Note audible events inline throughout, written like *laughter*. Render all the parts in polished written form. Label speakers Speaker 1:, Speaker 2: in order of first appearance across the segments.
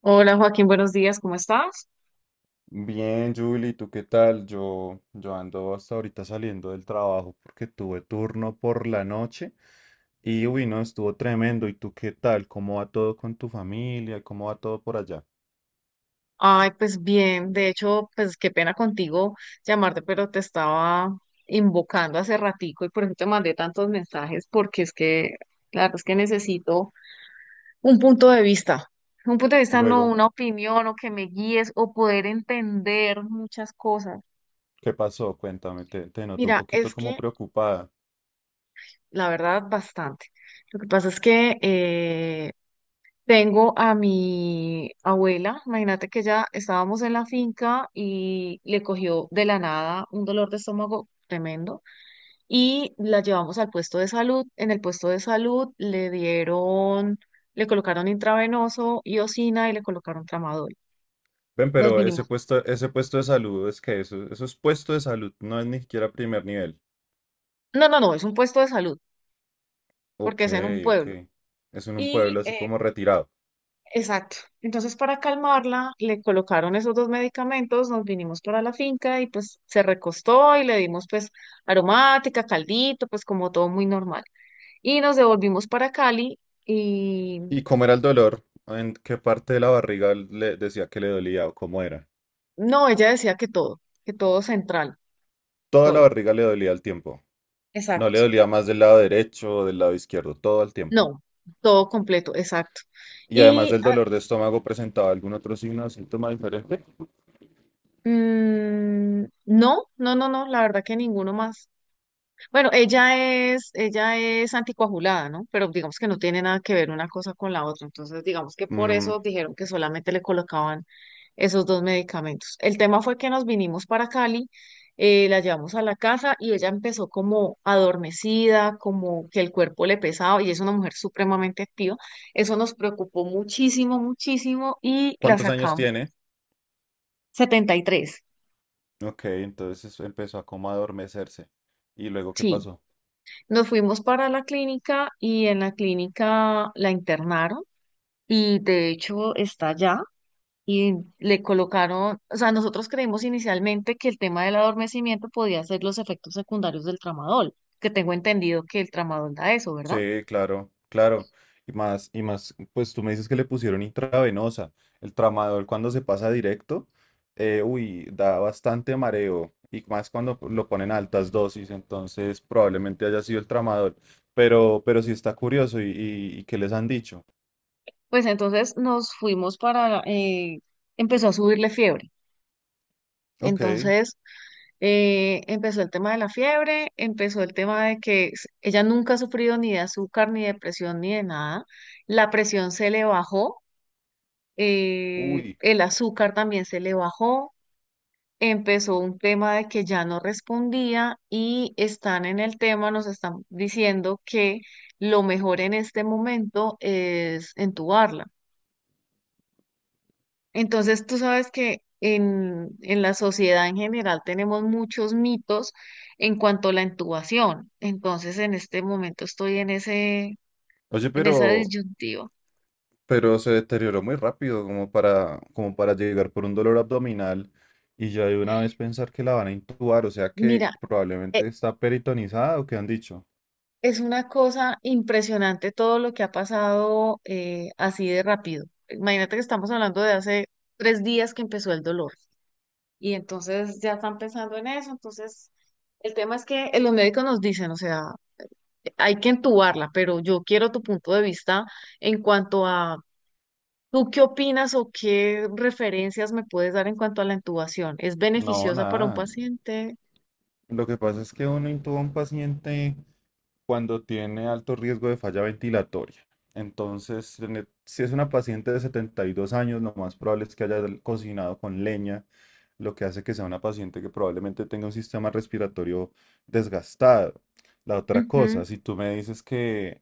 Speaker 1: Hola Joaquín, buenos días, ¿cómo estás?
Speaker 2: Bien, Julie, ¿tú qué tal? Yo ando hasta ahorita saliendo del trabajo porque tuve turno por la noche y uy, no, estuvo tremendo. ¿Y tú qué tal? ¿Cómo va todo con tu familia? ¿Cómo va todo por allá?
Speaker 1: Ay, pues bien, de hecho, pues qué pena contigo llamarte, pero te estaba invocando hace ratico y por eso te mandé tantos mensajes, porque es que, claro, es que necesito un punto de vista, un punto de vista, no
Speaker 2: Luego,
Speaker 1: una opinión o que me guíes o poder entender muchas cosas.
Speaker 2: ¿qué pasó? Cuéntame, te noto un
Speaker 1: Mira,
Speaker 2: poquito
Speaker 1: es
Speaker 2: como
Speaker 1: que
Speaker 2: preocupada.
Speaker 1: la verdad, bastante. Lo que pasa es que, tengo a mi abuela, imagínate que ya estábamos en la finca y le cogió de la nada un dolor de estómago tremendo y la llevamos al puesto de salud. En el puesto de salud le dieron, le colocaron intravenoso, iosina y le colocaron tramadol.
Speaker 2: Ven,
Speaker 1: Nos
Speaker 2: pero ese
Speaker 1: vinimos.
Speaker 2: puesto, ese puesto de salud es que eso es puesto de salud, no es ni siquiera primer nivel.
Speaker 1: No, no, no, es un puesto de salud
Speaker 2: Ok,
Speaker 1: porque es en un
Speaker 2: ok.
Speaker 1: pueblo.
Speaker 2: Es en un
Speaker 1: Y
Speaker 2: pueblo así
Speaker 1: eh,
Speaker 2: como retirado.
Speaker 1: Exacto. Entonces, para calmarla, le colocaron esos dos medicamentos, nos vinimos para la finca y pues se recostó y le dimos pues aromática, caldito, pues como todo muy normal. Y nos devolvimos para Cali y
Speaker 2: ¿Y cómo era el dolor? ¿En qué parte de la barriga le decía que le dolía o cómo era?
Speaker 1: no, ella decía que todo central,
Speaker 2: Toda la
Speaker 1: todo.
Speaker 2: barriga le dolía al tiempo. No le
Speaker 1: Exacto.
Speaker 2: dolía más del lado derecho o del lado izquierdo, todo al tiempo.
Speaker 1: No, todo completo, exacto.
Speaker 2: Y además
Speaker 1: Y
Speaker 2: del
Speaker 1: ah,
Speaker 2: dolor de estómago, ¿presentaba algún otro signo o síntoma diferente?
Speaker 1: no, no, no, no, la verdad que ninguno más. Bueno, ella es anticoagulada, ¿no? Pero digamos que no tiene nada que ver una cosa con la otra. Entonces, digamos que por
Speaker 2: Mm,
Speaker 1: eso dijeron que solamente le colocaban esos dos medicamentos. El tema fue que nos vinimos para Cali, la llevamos a la casa y ella empezó como adormecida, como que el cuerpo le pesaba y es una mujer supremamente activa. Eso nos preocupó muchísimo, muchísimo y la
Speaker 2: ¿Cuántos años
Speaker 1: sacamos.
Speaker 2: tiene?
Speaker 1: Setenta y tres.
Speaker 2: Ok, entonces empezó a como a adormecerse. ¿Y luego qué
Speaker 1: Sí,
Speaker 2: pasó?
Speaker 1: nos fuimos para la clínica y en la clínica la internaron y de hecho está allá y le colocaron, o sea, nosotros creímos inicialmente que el tema del adormecimiento podía ser los efectos secundarios del tramadol, que tengo entendido que el tramadol da eso, ¿verdad?
Speaker 2: Sí, claro, claro. Y más, pues tú me dices que le pusieron intravenosa. El tramador cuando se pasa directo, uy, da bastante mareo. Y más cuando lo ponen a altas dosis, entonces probablemente haya sido el tramador. Pero sí está curioso. ¿Y qué les han dicho?
Speaker 1: Pues entonces nos fuimos para, empezó a subirle fiebre.
Speaker 2: Ok,
Speaker 1: Entonces empezó el tema de la fiebre, empezó el tema de que ella nunca ha sufrido ni de azúcar, ni de presión, ni de nada. La presión se le bajó,
Speaker 2: uy.
Speaker 1: el azúcar también se le bajó, empezó un tema de que ya no respondía y están en el tema, nos están diciendo que lo mejor en este momento es entubarla. Entonces, tú sabes que en la sociedad en general tenemos muchos mitos en cuanto a la intubación. Entonces, en este momento estoy en ese,
Speaker 2: Oye,
Speaker 1: en esa
Speaker 2: pero
Speaker 1: disyuntiva.
Speaker 2: se deterioró muy rápido, como para llegar por un dolor abdominal y ya de una vez pensar que la van a intubar, o sea
Speaker 1: Mira,
Speaker 2: que
Speaker 1: eh,
Speaker 2: probablemente está peritonizada o que han dicho.
Speaker 1: es una cosa impresionante todo lo que ha pasado, así de rápido. Imagínate que estamos hablando de hace tres días que empezó el dolor y entonces ya están pensando en eso. Entonces, el tema es que los médicos nos dicen, o sea, hay que entubarla, pero yo quiero tu punto de vista en cuanto a, ¿tú qué opinas o qué referencias me puedes dar en cuanto a la intubación? ¿Es
Speaker 2: No,
Speaker 1: beneficiosa para un
Speaker 2: nada.
Speaker 1: paciente?
Speaker 2: Lo que pasa es que uno intuba a un paciente cuando tiene alto riesgo de falla ventilatoria. Entonces, si es una paciente de 72 años, lo más probable es que haya cocinado con leña, lo que hace que sea una paciente que probablemente tenga un sistema respiratorio desgastado. La otra
Speaker 1: Ujú.
Speaker 2: cosa, si tú me dices que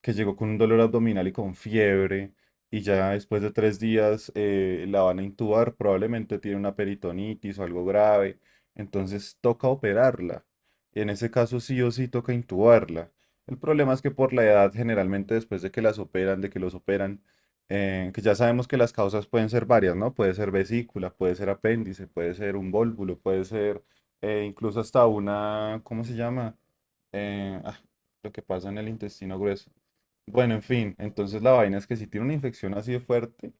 Speaker 2: que llegó con un dolor abdominal y con fiebre, y ya después de 3 días la van a intubar, probablemente tiene una peritonitis o algo grave, entonces toca operarla. En ese caso sí o sí toca intubarla. El problema es que por la edad, generalmente después de que las operan, de que los operan. Que ya sabemos que las causas pueden ser varias, ¿no? Puede ser vesícula, puede ser apéndice, puede ser un vólvulo, puede ser incluso hasta una, ¿cómo se llama? Eh, ah, lo que pasa en el intestino grueso. Bueno, en fin, entonces la vaina es que si tiene una infección así de fuerte,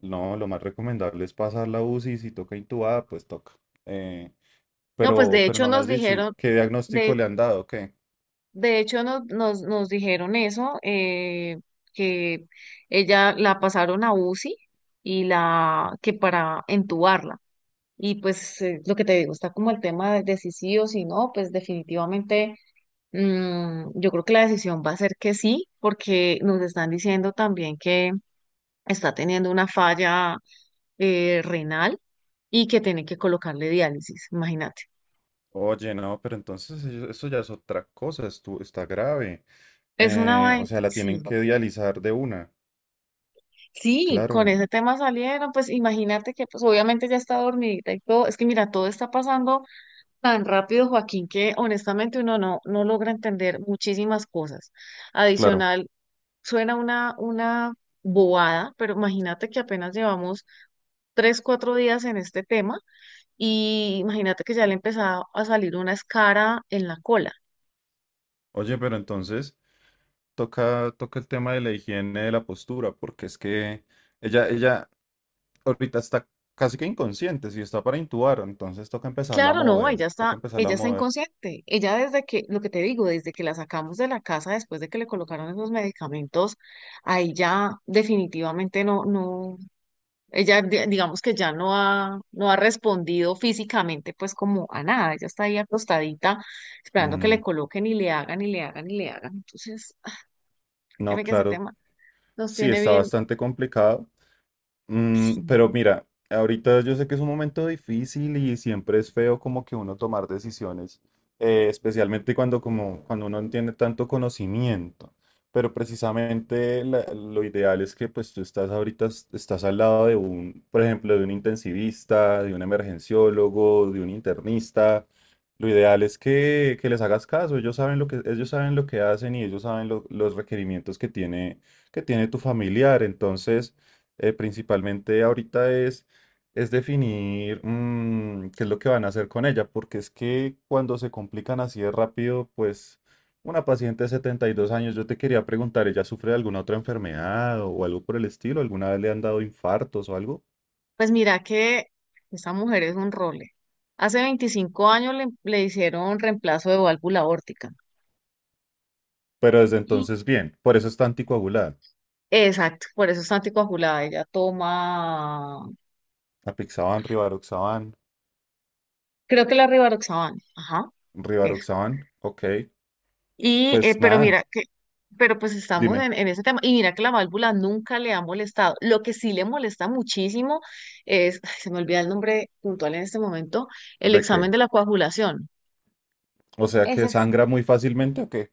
Speaker 2: no, lo más recomendable es pasar la UCI y si toca intubada, pues toca. Eh,
Speaker 1: No, pues
Speaker 2: pero,
Speaker 1: de
Speaker 2: pero
Speaker 1: hecho
Speaker 2: no me
Speaker 1: nos
Speaker 2: has dicho, ¿y
Speaker 1: dijeron,
Speaker 2: qué diagnóstico
Speaker 1: de
Speaker 2: le han dado? ¿Qué?
Speaker 1: De hecho, nos dijeron eso, que ella la pasaron a UCI y la que para entubarla. Y pues lo que te digo, está como el tema de si sí o si no, pues definitivamente yo creo que la decisión va a ser que sí, porque nos están diciendo también que está teniendo una falla renal y que tiene que colocarle diálisis, imagínate.
Speaker 2: Oye, no, pero entonces eso ya es otra cosa, esto está grave.
Speaker 1: Es una
Speaker 2: O
Speaker 1: vaina,
Speaker 2: sea, la
Speaker 1: sí.
Speaker 2: tienen que dializar de una.
Speaker 1: Sí, con
Speaker 2: Claro,
Speaker 1: ese tema salieron, pues imagínate que pues obviamente ya está dormidita y todo, es que mira, todo está pasando tan rápido, Joaquín, que honestamente uno no, no logra entender muchísimas cosas.
Speaker 2: claro.
Speaker 1: Adicional, suena una bobada, pero imagínate que apenas llevamos tres, cuatro días en este tema y imagínate que ya le empezaba a salir una escara en la cola.
Speaker 2: Oye, pero entonces toca el tema de la higiene de la postura, porque es que ella ahorita está casi que inconsciente, si está para intubar, entonces toca empezarla a
Speaker 1: Claro, no,
Speaker 2: mover, toca empezarla a
Speaker 1: ella está
Speaker 2: mover.
Speaker 1: inconsciente. Ella desde que, lo que te digo, desde que la sacamos de la casa después de que le colocaron esos medicamentos, ahí ya definitivamente no, no, digamos que ya no ha respondido físicamente pues como a nada. Ella está ahí acostadita esperando que le
Speaker 2: Mm,
Speaker 1: coloquen y le hagan y le hagan y le hagan. Entonces, *laughs* ay,
Speaker 2: no,
Speaker 1: créeme que ese
Speaker 2: claro,
Speaker 1: tema nos
Speaker 2: sí,
Speaker 1: tiene
Speaker 2: está
Speaker 1: bien.
Speaker 2: bastante complicado.
Speaker 1: Sí.
Speaker 2: Pero mira, ahorita yo sé que es un momento difícil y siempre es feo como que uno tomar decisiones, especialmente cuando, como, cuando uno no tiene tanto conocimiento. Pero precisamente lo ideal es que pues tú estás ahorita, estás al lado de un, por ejemplo, de un intensivista, de un emergenciólogo, de un internista. Lo ideal es que les hagas caso, ellos saben lo que hacen y ellos saben los requerimientos que tiene tu familiar. Entonces, principalmente ahorita es definir qué es lo que van a hacer con ella, porque es que cuando se complican así de rápido, pues una paciente de 72 años, yo te quería preguntar, ¿ella sufre de alguna otra enfermedad o algo por el estilo? ¿Alguna vez le han dado infartos o algo?
Speaker 1: Pues mira que esa mujer es un role. Hace 25 años le, le hicieron reemplazo de válvula aórtica.
Speaker 2: Pero desde
Speaker 1: Y-
Speaker 2: entonces, bien, por eso está anticoagulada.
Speaker 1: Exacto, por eso está anticoagulada. Ella toma,
Speaker 2: Apixaban, rivaroxaban,
Speaker 1: creo que la rivaroxaban. Ajá, eso.
Speaker 2: rivaroxaban, ok.
Speaker 1: Y, eh,
Speaker 2: Pues
Speaker 1: pero
Speaker 2: nada,
Speaker 1: mira, que, pero pues estamos
Speaker 2: dime,
Speaker 1: en ese tema. Y mira que la válvula nunca le ha molestado. Lo que sí le molesta muchísimo es, ay, se me olvida el nombre puntual en este momento, el
Speaker 2: ¿de
Speaker 1: examen
Speaker 2: qué?
Speaker 1: de la coagulación.
Speaker 2: ¿O sea que
Speaker 1: Ese sí.
Speaker 2: sangra muy fácilmente o qué?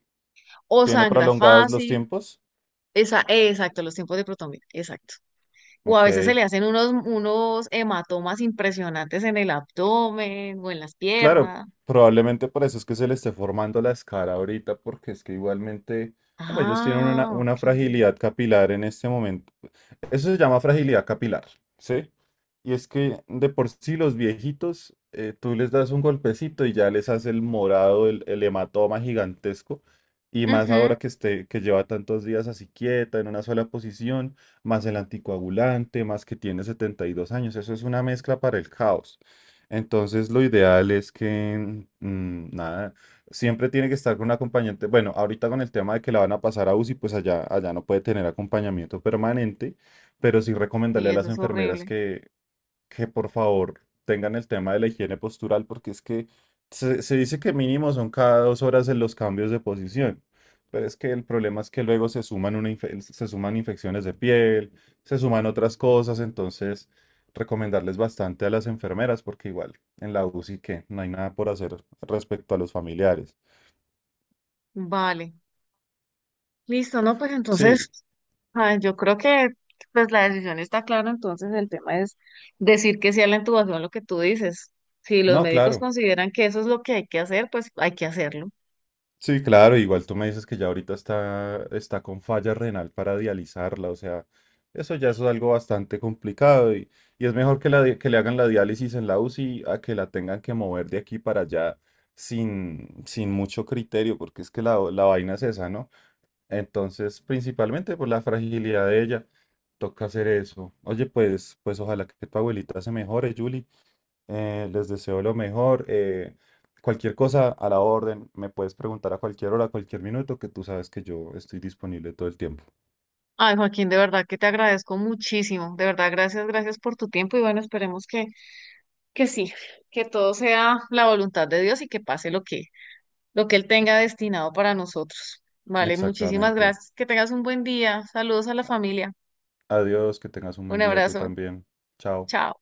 Speaker 1: O
Speaker 2: ¿Tiene
Speaker 1: sangra
Speaker 2: prolongados los
Speaker 1: fácil,
Speaker 2: tiempos?
Speaker 1: esa, exacto, los tiempos de protomía, exacto. O a
Speaker 2: Ok,
Speaker 1: veces se le hacen unos, unos hematomas impresionantes en el abdomen o en las
Speaker 2: claro,
Speaker 1: piernas.
Speaker 2: probablemente por eso es que se le esté formando la escara ahorita, porque es que igualmente, como ellos tienen una,
Speaker 1: Ah,
Speaker 2: una
Speaker 1: ok.
Speaker 2: fragilidad capilar en este momento. Eso se llama fragilidad capilar, ¿sí? Y es que de por sí los viejitos, tú les das un golpecito y ya les hace el morado, el hematoma gigantesco. Y más
Speaker 1: Ujú.
Speaker 2: ahora que, esté, que lleva tantos días así quieta, en una sola posición, más el anticoagulante, más que tiene 72 años. Eso es una mezcla para el caos. Entonces, lo ideal es que, nada, siempre tiene que estar con un acompañante. Bueno, ahorita con el tema de que la van a pasar a UCI, pues allá no puede tener acompañamiento permanente, pero sí
Speaker 1: Y
Speaker 2: recomendarle a
Speaker 1: eso
Speaker 2: las
Speaker 1: es
Speaker 2: enfermeras
Speaker 1: horrible.
Speaker 2: que por favor tengan el tema de la higiene postural, porque es que se dice que mínimo son cada 2 horas en los cambios de posición, pero es que el problema es que luego se suman, se suman infecciones de piel, se suman otras cosas, entonces recomendarles bastante a las enfermeras, porque igual en la UCI que no hay nada por hacer respecto a los familiares.
Speaker 1: Vale. Listo, ¿no? Pues entonces,
Speaker 2: Sí,
Speaker 1: ah, yo creo que pues la decisión está clara, entonces el tema es decir que sea la intubación lo que tú dices. Si los
Speaker 2: no,
Speaker 1: médicos
Speaker 2: claro.
Speaker 1: consideran que eso es lo que hay que hacer, pues hay que hacerlo.
Speaker 2: Sí, claro, igual tú me dices que ya ahorita está con falla renal para dializarla, o sea, eso ya es algo bastante complicado y es mejor que le hagan la diálisis en la UCI a que la tengan que mover de aquí para allá sin mucho criterio, porque es que la vaina es esa, ¿no? Entonces, principalmente por la fragilidad de ella, toca hacer eso. Oye, pues ojalá que tu abuelita se mejore, Julie. Les deseo lo mejor. Cualquier cosa a la orden, me puedes preguntar a cualquier hora, a cualquier minuto, que tú sabes que yo estoy disponible todo el tiempo.
Speaker 1: Ay, Joaquín, de verdad que te agradezco muchísimo. De verdad, gracias, gracias por tu tiempo y bueno, esperemos que sí, que todo sea la voluntad de Dios y que pase lo que Él tenga destinado para nosotros. Vale, muchísimas
Speaker 2: Exactamente.
Speaker 1: gracias. Que tengas un buen día. Saludos a la familia.
Speaker 2: Adiós, que tengas un buen
Speaker 1: Un
Speaker 2: día tú
Speaker 1: abrazo.
Speaker 2: también. Chao.
Speaker 1: Chao.